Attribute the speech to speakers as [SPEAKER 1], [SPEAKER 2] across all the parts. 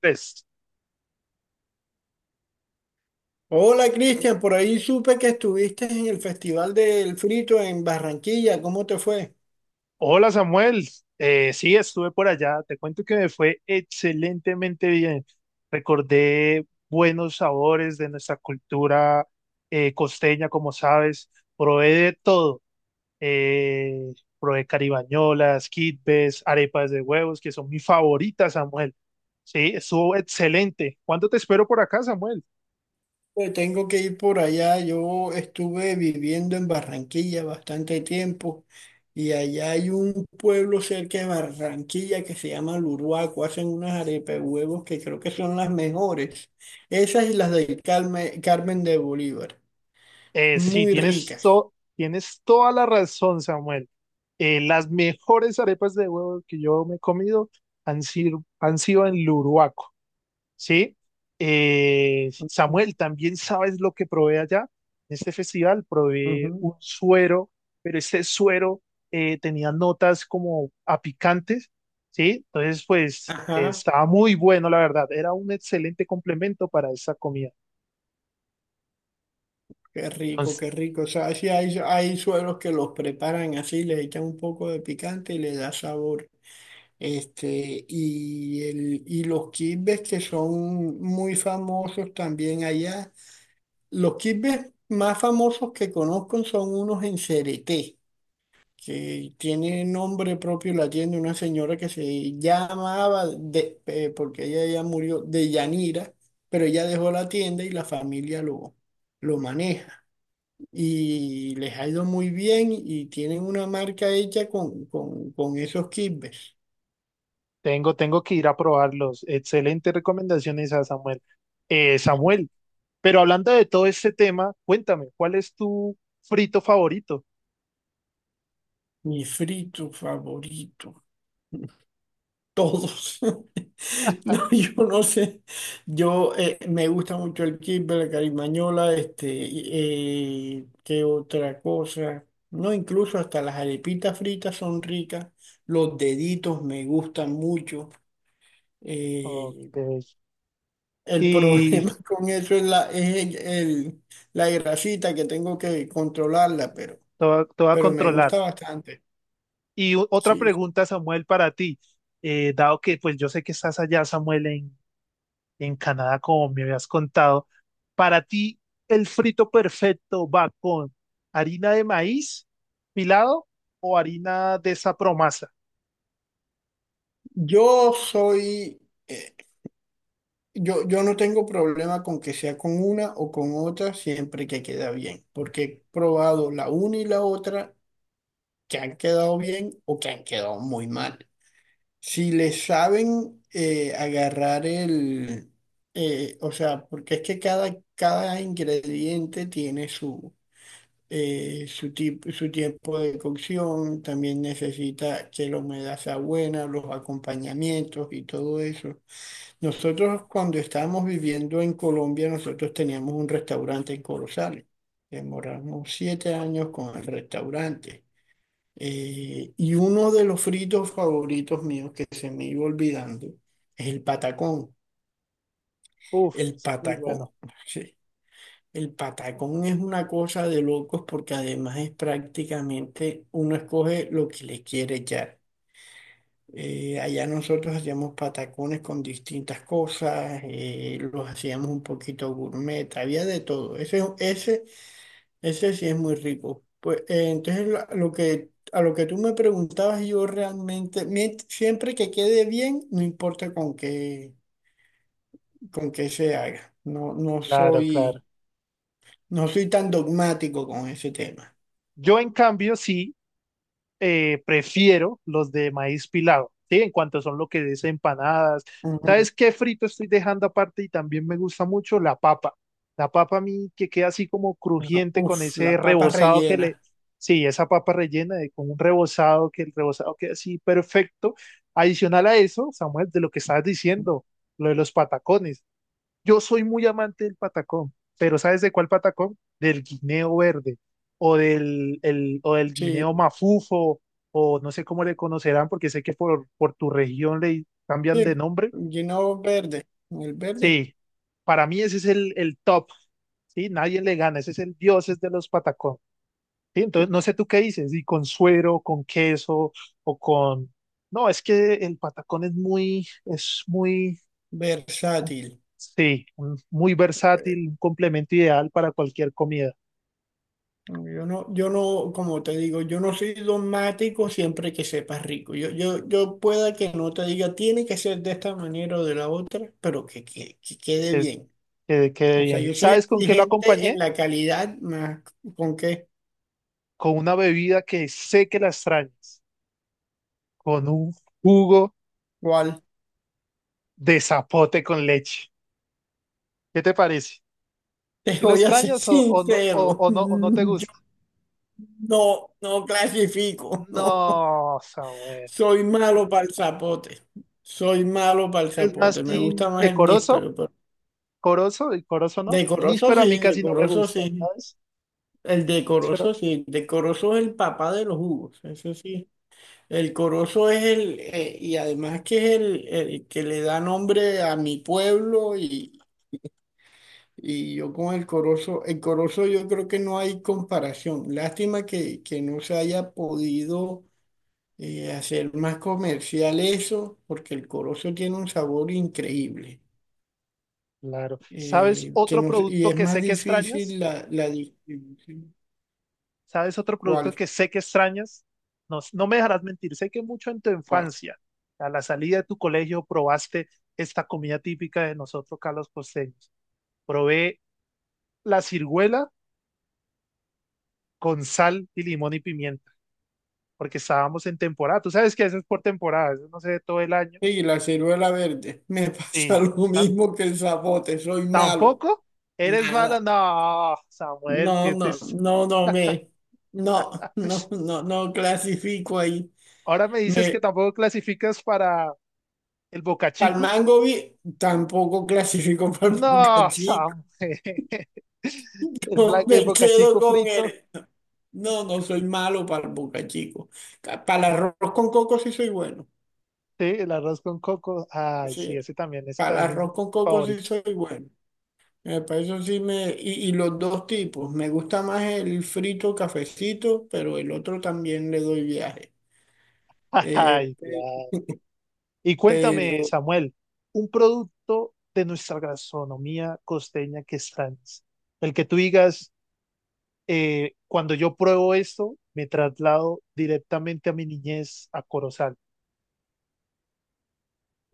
[SPEAKER 1] Pues,
[SPEAKER 2] Hola Cristian, por ahí supe que estuviste en el Festival del Frito en Barranquilla. ¿Cómo te fue?
[SPEAKER 1] hola Samuel. Sí, estuve por allá, te cuento que me fue excelentemente bien. Recordé buenos sabores de nuestra cultura costeña, como sabes, probé de todo. Eh, Probé caribañolas, quitbes, arepas de huevos, que son mis favoritas, Samuel. Sí, estuvo excelente. ¿Cuándo te espero por acá, Samuel?
[SPEAKER 2] Pues tengo que ir por allá. Yo estuve viviendo en Barranquilla bastante tiempo y allá hay un pueblo cerca de Barranquilla que se llama Luruaco. Hacen unas arepas de huevos que creo que son las mejores. Esas y las del Carmen, Carmen de Bolívar.
[SPEAKER 1] Sí,
[SPEAKER 2] Muy ricas.
[SPEAKER 1] tienes toda la razón, Samuel. Las mejores arepas de huevo que yo me he comido han sido en Luruaco, ¿sí? Samuel, también sabes lo que probé allá. En este festival probé
[SPEAKER 2] Ujú.
[SPEAKER 1] un suero, pero este suero tenía notas como a picantes, ¿sí? Entonces, pues,
[SPEAKER 2] Ajá.
[SPEAKER 1] estaba muy bueno, la verdad. Era un excelente complemento para esa comida.
[SPEAKER 2] Qué rico, qué rico. O sea, sí hay sueros que los preparan así, le echan un poco de picante y le da sabor. Y los quimbes que son muy famosos también allá. Los quimbes más famosos que conozco son unos en Cereté, que tiene nombre propio la tienda, una señora que se llamaba, porque ella ya murió, de Yanira, pero ella dejó la tienda y la familia lo maneja y les ha ido muy bien y tienen una marca hecha con, esos kibbes.
[SPEAKER 1] Tengo que ir a probarlos. Excelentes recomendaciones a Samuel. Samuel, pero hablando de todo este tema, cuéntame, ¿cuál es tu frito favorito?
[SPEAKER 2] Mi frito favorito, todos. No, yo no sé. Yo me gusta mucho el kibbe, la carimañola, qué otra cosa. No, incluso hasta las arepitas fritas son ricas. Los deditos me gustan mucho.
[SPEAKER 1] Ok.
[SPEAKER 2] Eh, El
[SPEAKER 1] Y
[SPEAKER 2] problema con eso es la, es el- la grasita que tengo que controlarla, pero,
[SPEAKER 1] todo a
[SPEAKER 2] pero me
[SPEAKER 1] controlar.
[SPEAKER 2] gusta bastante.
[SPEAKER 1] Otra
[SPEAKER 2] Sí.
[SPEAKER 1] pregunta, Samuel, para ti. Dado que pues yo sé que estás allá, Samuel, en Canadá, como me habías contado, para ti el frito perfecto va con harina de maíz pilado o harina de esa promasa.
[SPEAKER 2] Yo soy, eh, yo no tengo problema con que sea con una o con otra siempre que queda bien, porque he probado la una y la otra que han quedado bien o que han quedado muy mal. Si le saben agarrar o sea, porque es que cada ingrediente tiene su tiempo de cocción, también necesita que la humedad sea buena, los acompañamientos y todo eso. Nosotros cuando estábamos viviendo en Colombia, nosotros teníamos un restaurante en Corozal. Demoramos 7 años con el restaurante. Y uno de los fritos favoritos míos que se me iba olvidando es el patacón.
[SPEAKER 1] Uf,
[SPEAKER 2] El
[SPEAKER 1] eso es muy bueno.
[SPEAKER 2] patacón. El patacón es una cosa de locos porque además es prácticamente uno escoge lo que le quiere echar. Allá nosotros hacíamos patacones con distintas cosas, los hacíamos un poquito gourmet, había de todo. Ese sí es muy rico. Pues entonces a lo que tú me preguntabas, yo realmente, siempre que quede bien, no importa con qué, se haga. No, no
[SPEAKER 1] Claro, claro.
[SPEAKER 2] soy, no soy tan dogmático con ese tema.
[SPEAKER 1] Yo en cambio sí prefiero los de maíz pilado, ¿sí? En cuanto son lo que es empanadas. ¿Sabes
[SPEAKER 2] Ajá.
[SPEAKER 1] qué frito estoy dejando aparte y también me gusta mucho? La papa. La papa a mí que queda así como crujiente con
[SPEAKER 2] Uf,
[SPEAKER 1] ese
[SPEAKER 2] la papa
[SPEAKER 1] rebozado que
[SPEAKER 2] rellena.
[SPEAKER 1] le... Sí, esa papa rellena de, con un rebozado, que el rebozado queda así perfecto. Adicional a eso, Samuel, de lo que estabas diciendo, lo de los patacones. Yo soy muy amante del patacón, pero ¿sabes de cuál patacón? Del guineo verde o del
[SPEAKER 2] Sí,
[SPEAKER 1] guineo mafufo o no sé cómo le conocerán porque sé que por tu región le cambian
[SPEAKER 2] sí,
[SPEAKER 1] de nombre.
[SPEAKER 2] lleno verde, el verde,
[SPEAKER 1] Sí, para mí ese es el top, ¿sí? Nadie le gana, ese es el dios es de los patacón. ¿Sí? Entonces, no sé tú qué dices, y con suero, con queso o con... No, es que el patacón es muy
[SPEAKER 2] versátil.
[SPEAKER 1] Sí, un- muy
[SPEAKER 2] Eh,
[SPEAKER 1] versátil, un complemento ideal para cualquier comida.
[SPEAKER 2] Yo no, yo no, como te digo, yo no soy dogmático siempre que sepas rico. Yo pueda que no te diga, tiene que ser de esta manera o de la otra, pero que quede
[SPEAKER 1] Es,
[SPEAKER 2] bien.
[SPEAKER 1] que quede
[SPEAKER 2] O sea,
[SPEAKER 1] bien.
[SPEAKER 2] yo soy
[SPEAKER 1] ¿Sabes con qué lo
[SPEAKER 2] exigente en
[SPEAKER 1] acompañé?
[SPEAKER 2] la calidad, más con qué,
[SPEAKER 1] Con una bebida que sé que la extrañas, con un jugo
[SPEAKER 2] cuál.
[SPEAKER 1] de zapote con leche. ¿Qué te parece?
[SPEAKER 2] Te
[SPEAKER 1] ¿Si lo
[SPEAKER 2] voy a ser
[SPEAKER 1] extrañas
[SPEAKER 2] sincero,
[SPEAKER 1] o no te
[SPEAKER 2] yo
[SPEAKER 1] gusta?
[SPEAKER 2] no clasifico, no.
[SPEAKER 1] No, Samuel.
[SPEAKER 2] Soy malo para el zapote. Soy malo para el
[SPEAKER 1] ¿Eres más
[SPEAKER 2] zapote. Me
[SPEAKER 1] team
[SPEAKER 2] gusta más
[SPEAKER 1] de
[SPEAKER 2] el
[SPEAKER 1] corozo?
[SPEAKER 2] níspero, pero
[SPEAKER 1] ¿Corozo? ¿Y corozo no?
[SPEAKER 2] decoroso
[SPEAKER 1] Níspero a mí
[SPEAKER 2] sí,
[SPEAKER 1] casi no me
[SPEAKER 2] decoroso
[SPEAKER 1] gusta,
[SPEAKER 2] sí.
[SPEAKER 1] ¿sabes?
[SPEAKER 2] El
[SPEAKER 1] Pero,
[SPEAKER 2] decoroso sí. Decoroso es el papá de los jugos, eso sí. El corozo es y además que es el que le da nombre a mi pueblo y yo con el corozo yo creo que no hay comparación. Lástima que no se haya podido hacer más comercial eso, porque el corozo tiene un sabor increíble.
[SPEAKER 1] claro. ¿Sabes
[SPEAKER 2] Que
[SPEAKER 1] otro
[SPEAKER 2] no, y
[SPEAKER 1] producto
[SPEAKER 2] es
[SPEAKER 1] que
[SPEAKER 2] más
[SPEAKER 1] sé que extrañas?
[SPEAKER 2] difícil la distribución.
[SPEAKER 1] ¿Sabes otro producto
[SPEAKER 2] ¿Cuál?
[SPEAKER 1] que sé que extrañas? No, no me dejarás mentir, sé que mucho en tu
[SPEAKER 2] ¿Cuál?
[SPEAKER 1] infancia, a la salida de tu colegio, probaste esta comida típica de nosotros, Carlos Costeños. Probé la ciruela con sal y limón y pimienta, porque estábamos en temporada. Tú sabes que eso es por temporada, eso no se ve todo el año.
[SPEAKER 2] Sí, la ciruela verde. Me pasa
[SPEAKER 1] Sí.
[SPEAKER 2] lo
[SPEAKER 1] tan-
[SPEAKER 2] mismo que el zapote, soy malo.
[SPEAKER 1] Tampoco eres mala,
[SPEAKER 2] Nada.
[SPEAKER 1] no, Samuel,
[SPEAKER 2] No,
[SPEAKER 1] que te...
[SPEAKER 2] no, no, no me. No, no, no, no clasifico ahí.
[SPEAKER 1] Ahora me dices que
[SPEAKER 2] Me,
[SPEAKER 1] tampoco clasificas para el Boca
[SPEAKER 2] para el
[SPEAKER 1] Chico.
[SPEAKER 2] mango tampoco clasifico para el
[SPEAKER 1] No,
[SPEAKER 2] bocachico.
[SPEAKER 1] Samuel. El
[SPEAKER 2] Me quedo
[SPEAKER 1] bocachico
[SPEAKER 2] con
[SPEAKER 1] frito,
[SPEAKER 2] él. No, no soy malo para el bocachico. Para el arroz con coco sí soy bueno.
[SPEAKER 1] sí, el arroz con coco. Ay, sí,
[SPEAKER 2] Sí,
[SPEAKER 1] ese
[SPEAKER 2] para
[SPEAKER 1] también
[SPEAKER 2] el
[SPEAKER 1] es mi
[SPEAKER 2] arroz con coco sí
[SPEAKER 1] favorito.
[SPEAKER 2] soy bueno. Para eso sí me... Y los dos tipos. Me gusta más el frito cafecito, pero el otro también le doy viaje. Eh,
[SPEAKER 1] Ay,
[SPEAKER 2] pe-
[SPEAKER 1] claro. Y cuéntame,
[SPEAKER 2] pero
[SPEAKER 1] Samuel, un producto de nuestra gastronomía costeña que extrañas. El que tú digas, cuando yo pruebo esto, me traslado directamente a mi niñez a Corozal.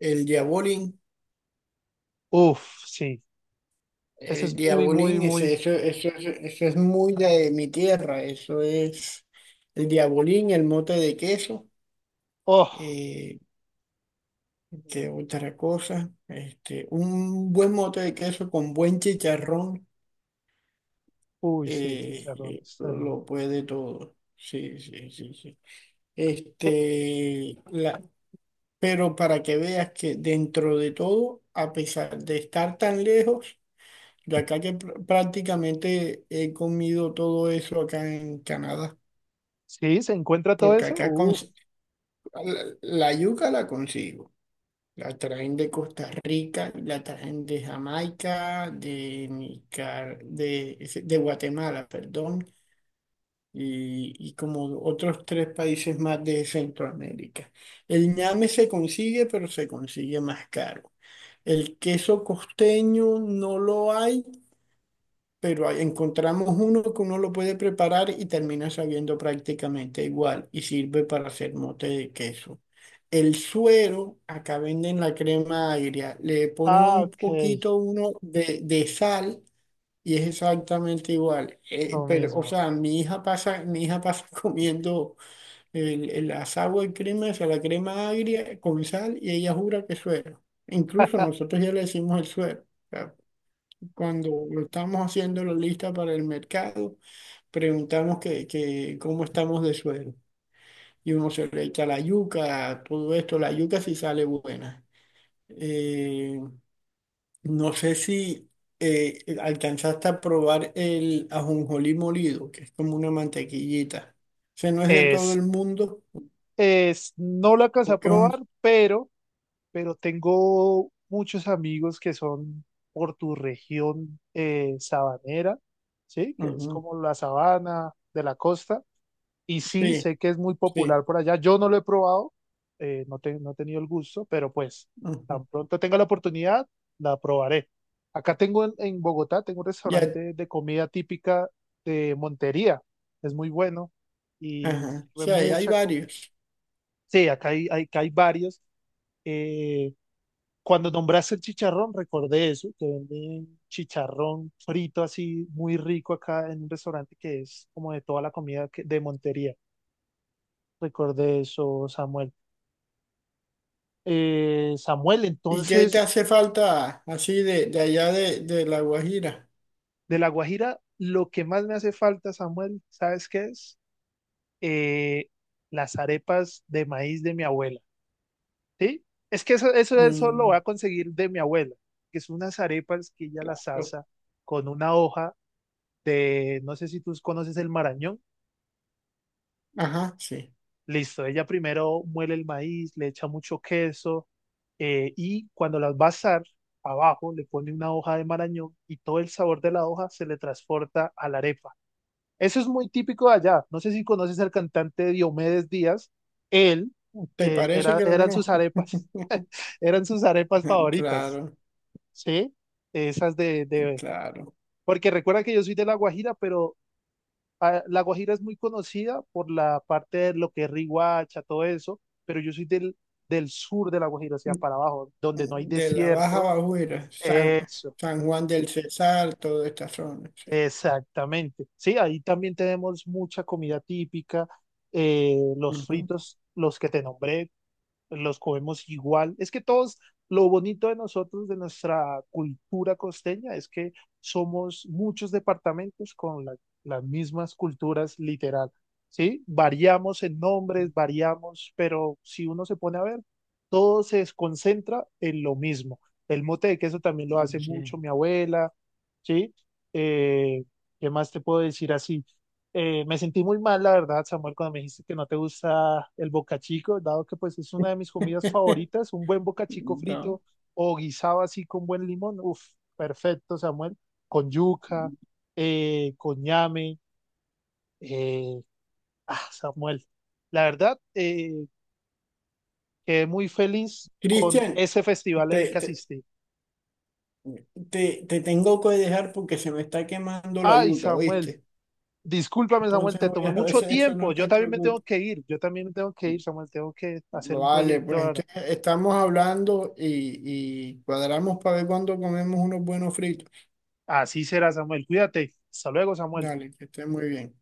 [SPEAKER 2] el diabolín,
[SPEAKER 1] Uf, sí, ese
[SPEAKER 2] el
[SPEAKER 1] es muy, muy,
[SPEAKER 2] diabolín, ese,
[SPEAKER 1] muy.
[SPEAKER 2] eso es muy de mi tierra. Eso es el diabolín, el mote de queso.
[SPEAKER 1] Oh,
[SPEAKER 2] eh, ¿Qué otra cosa? Un buen mote de queso con buen chicharrón
[SPEAKER 1] uy, sí, chicharrones.
[SPEAKER 2] lo puede todo. Sí, sí, sí, sí.
[SPEAKER 1] eh,
[SPEAKER 2] Este, la, pero para que veas que dentro de todo, a pesar de estar tan lejos, yo acá que prácticamente he comido todo eso acá en Canadá,
[SPEAKER 1] Sí, se encuentra todo
[SPEAKER 2] porque
[SPEAKER 1] eso.
[SPEAKER 2] acá
[SPEAKER 1] Uf,
[SPEAKER 2] la yuca la consigo. La traen de Costa Rica, la traen de Jamaica, de Guatemala, perdón, y como otros tres países más de Centroamérica. El ñame se consigue, pero se consigue más caro. El queso costeño no lo hay pero ahí encontramos uno que uno lo puede preparar y termina sabiendo prácticamente igual y sirve para hacer mote de queso. El suero, acá venden la crema agria, le ponen
[SPEAKER 1] ah,
[SPEAKER 2] un
[SPEAKER 1] ok,
[SPEAKER 2] poquito uno de sal y es exactamente igual. Eh,
[SPEAKER 1] lo
[SPEAKER 2] pero, o
[SPEAKER 1] mismo.
[SPEAKER 2] sea, mi hija pasa comiendo el asagua de crema, o sea, la crema agria con sal y ella jura que es suero. Incluso nosotros ya le decimos el suero. O sea, cuando estamos haciendo la lista para el mercado, preguntamos que cómo estamos de suero. Y uno se le echa la yuca, todo esto, la yuca sí sale buena. Eh, no sé si alcanzaste a probar el ajonjolí molido, que es como una mantequillita. Ese no es de todo
[SPEAKER 1] Es,
[SPEAKER 2] el mundo,
[SPEAKER 1] es, no la alcancé a
[SPEAKER 2] porque es un...
[SPEAKER 1] probar, pero tengo muchos amigos que son por tu región sabanera, ¿sí? Que es
[SPEAKER 2] Ujú,
[SPEAKER 1] como la sabana de la costa. Y sí,
[SPEAKER 2] sí,
[SPEAKER 1] sé que es muy
[SPEAKER 2] sí.
[SPEAKER 1] popular por allá. Yo no lo he probado, no he tenido el gusto, pero pues
[SPEAKER 2] Ujú.
[SPEAKER 1] tan pronto tenga la oportunidad, la probaré. Acá tengo en Bogotá, tengo un
[SPEAKER 2] Ya,
[SPEAKER 1] restaurante de comida típica de Montería. Es muy bueno y
[SPEAKER 2] ajá.
[SPEAKER 1] sirve
[SPEAKER 2] Sí, hay
[SPEAKER 1] mucha comida.
[SPEAKER 2] varios.
[SPEAKER 1] Sí, acá acá hay varios. Eh, cuando nombraste el chicharrón, recordé eso, que venden chicharrón frito así muy rico acá en un restaurante que es como de toda la comida de Montería. Recordé eso, Samuel. Samuel,
[SPEAKER 2] ¿Y qué te
[SPEAKER 1] entonces,
[SPEAKER 2] hace falta así de allá de La Guajira?
[SPEAKER 1] de La Guajira, lo que más me hace falta, Samuel, ¿sabes qué es? Eh, las arepas de maíz de mi abuela. Sí, es que eso lo voy
[SPEAKER 2] Mm,
[SPEAKER 1] a conseguir de mi abuela, que son unas arepas que ella las
[SPEAKER 2] claro.
[SPEAKER 1] asa con una hoja de, no sé si tú conoces el marañón.
[SPEAKER 2] Ajá, sí.
[SPEAKER 1] Listo, ella primero muele el maíz, le echa mucho queso y cuando las va a asar, abajo le pone una hoja de marañón y todo el sabor de la hoja se le transporta a la arepa. Eso es muy típico de allá. No sé si conoces al cantante Diomedes Díaz. Él,
[SPEAKER 2] ¿Te
[SPEAKER 1] Él
[SPEAKER 2] parece
[SPEAKER 1] era,
[SPEAKER 2] que lo
[SPEAKER 1] eran sus
[SPEAKER 2] conozco?
[SPEAKER 1] arepas, eran sus arepas favoritas.
[SPEAKER 2] Claro,
[SPEAKER 1] Sí, esas
[SPEAKER 2] claro.
[SPEAKER 1] porque recuerda que yo soy de La Guajira, pero ah, La Guajira es muy conocida por la parte de lo que es Riohacha, todo eso, pero yo soy del sur de La Guajira, o sea, para abajo, donde no hay
[SPEAKER 2] De la Baja
[SPEAKER 1] desierto.
[SPEAKER 2] Bajuera, San,
[SPEAKER 1] Eso,
[SPEAKER 2] San Juan del Cesar, toda esta zona, sí.
[SPEAKER 1] exactamente. Sí, ahí también tenemos mucha comida típica, los
[SPEAKER 2] Ujú,
[SPEAKER 1] fritos, los que te nombré, los comemos igual. Es que todos, lo bonito de nosotros, de nuestra cultura costeña, es que somos muchos departamentos con las mismas culturas literal, ¿sí? Variamos en nombres, variamos, pero si uno se pone a ver, todo se concentra en lo mismo. El mote de queso también lo hace
[SPEAKER 2] sí.
[SPEAKER 1] mucho mi abuela, ¿sí? Eh, ¿qué más te puedo decir así? Me sentí muy mal, la verdad, Samuel, cuando me dijiste que no te gusta el bocachico, dado que pues es una de mis comidas favoritas, un buen bocachico
[SPEAKER 2] No.
[SPEAKER 1] frito o guisado así con buen limón. Uf, perfecto, Samuel, con yuca, con ñame. eh, Samuel, la verdad, quedé muy feliz con
[SPEAKER 2] Cristian,
[SPEAKER 1] ese festival en el
[SPEAKER 2] te,
[SPEAKER 1] que
[SPEAKER 2] te,
[SPEAKER 1] asistí.
[SPEAKER 2] te tengo que dejar porque se me está quemando la
[SPEAKER 1] Ay,
[SPEAKER 2] yuca,
[SPEAKER 1] Samuel,
[SPEAKER 2] ¿viste?
[SPEAKER 1] discúlpame, Samuel,
[SPEAKER 2] Entonces
[SPEAKER 1] te
[SPEAKER 2] voy
[SPEAKER 1] tomé
[SPEAKER 2] a
[SPEAKER 1] mucho
[SPEAKER 2] hacer eso,
[SPEAKER 1] tiempo.
[SPEAKER 2] no
[SPEAKER 1] Yo
[SPEAKER 2] te
[SPEAKER 1] también me tengo
[SPEAKER 2] preocupes.
[SPEAKER 1] que ir, Samuel, tengo que hacer un
[SPEAKER 2] Vale,
[SPEAKER 1] proyecto
[SPEAKER 2] pues
[SPEAKER 1] ahora.
[SPEAKER 2] entonces estamos hablando y cuadramos para ver cuándo comemos unos buenos fritos.
[SPEAKER 1] Así será, Samuel. Cuídate. Hasta luego, Samuel.
[SPEAKER 2] Dale, que esté muy bien.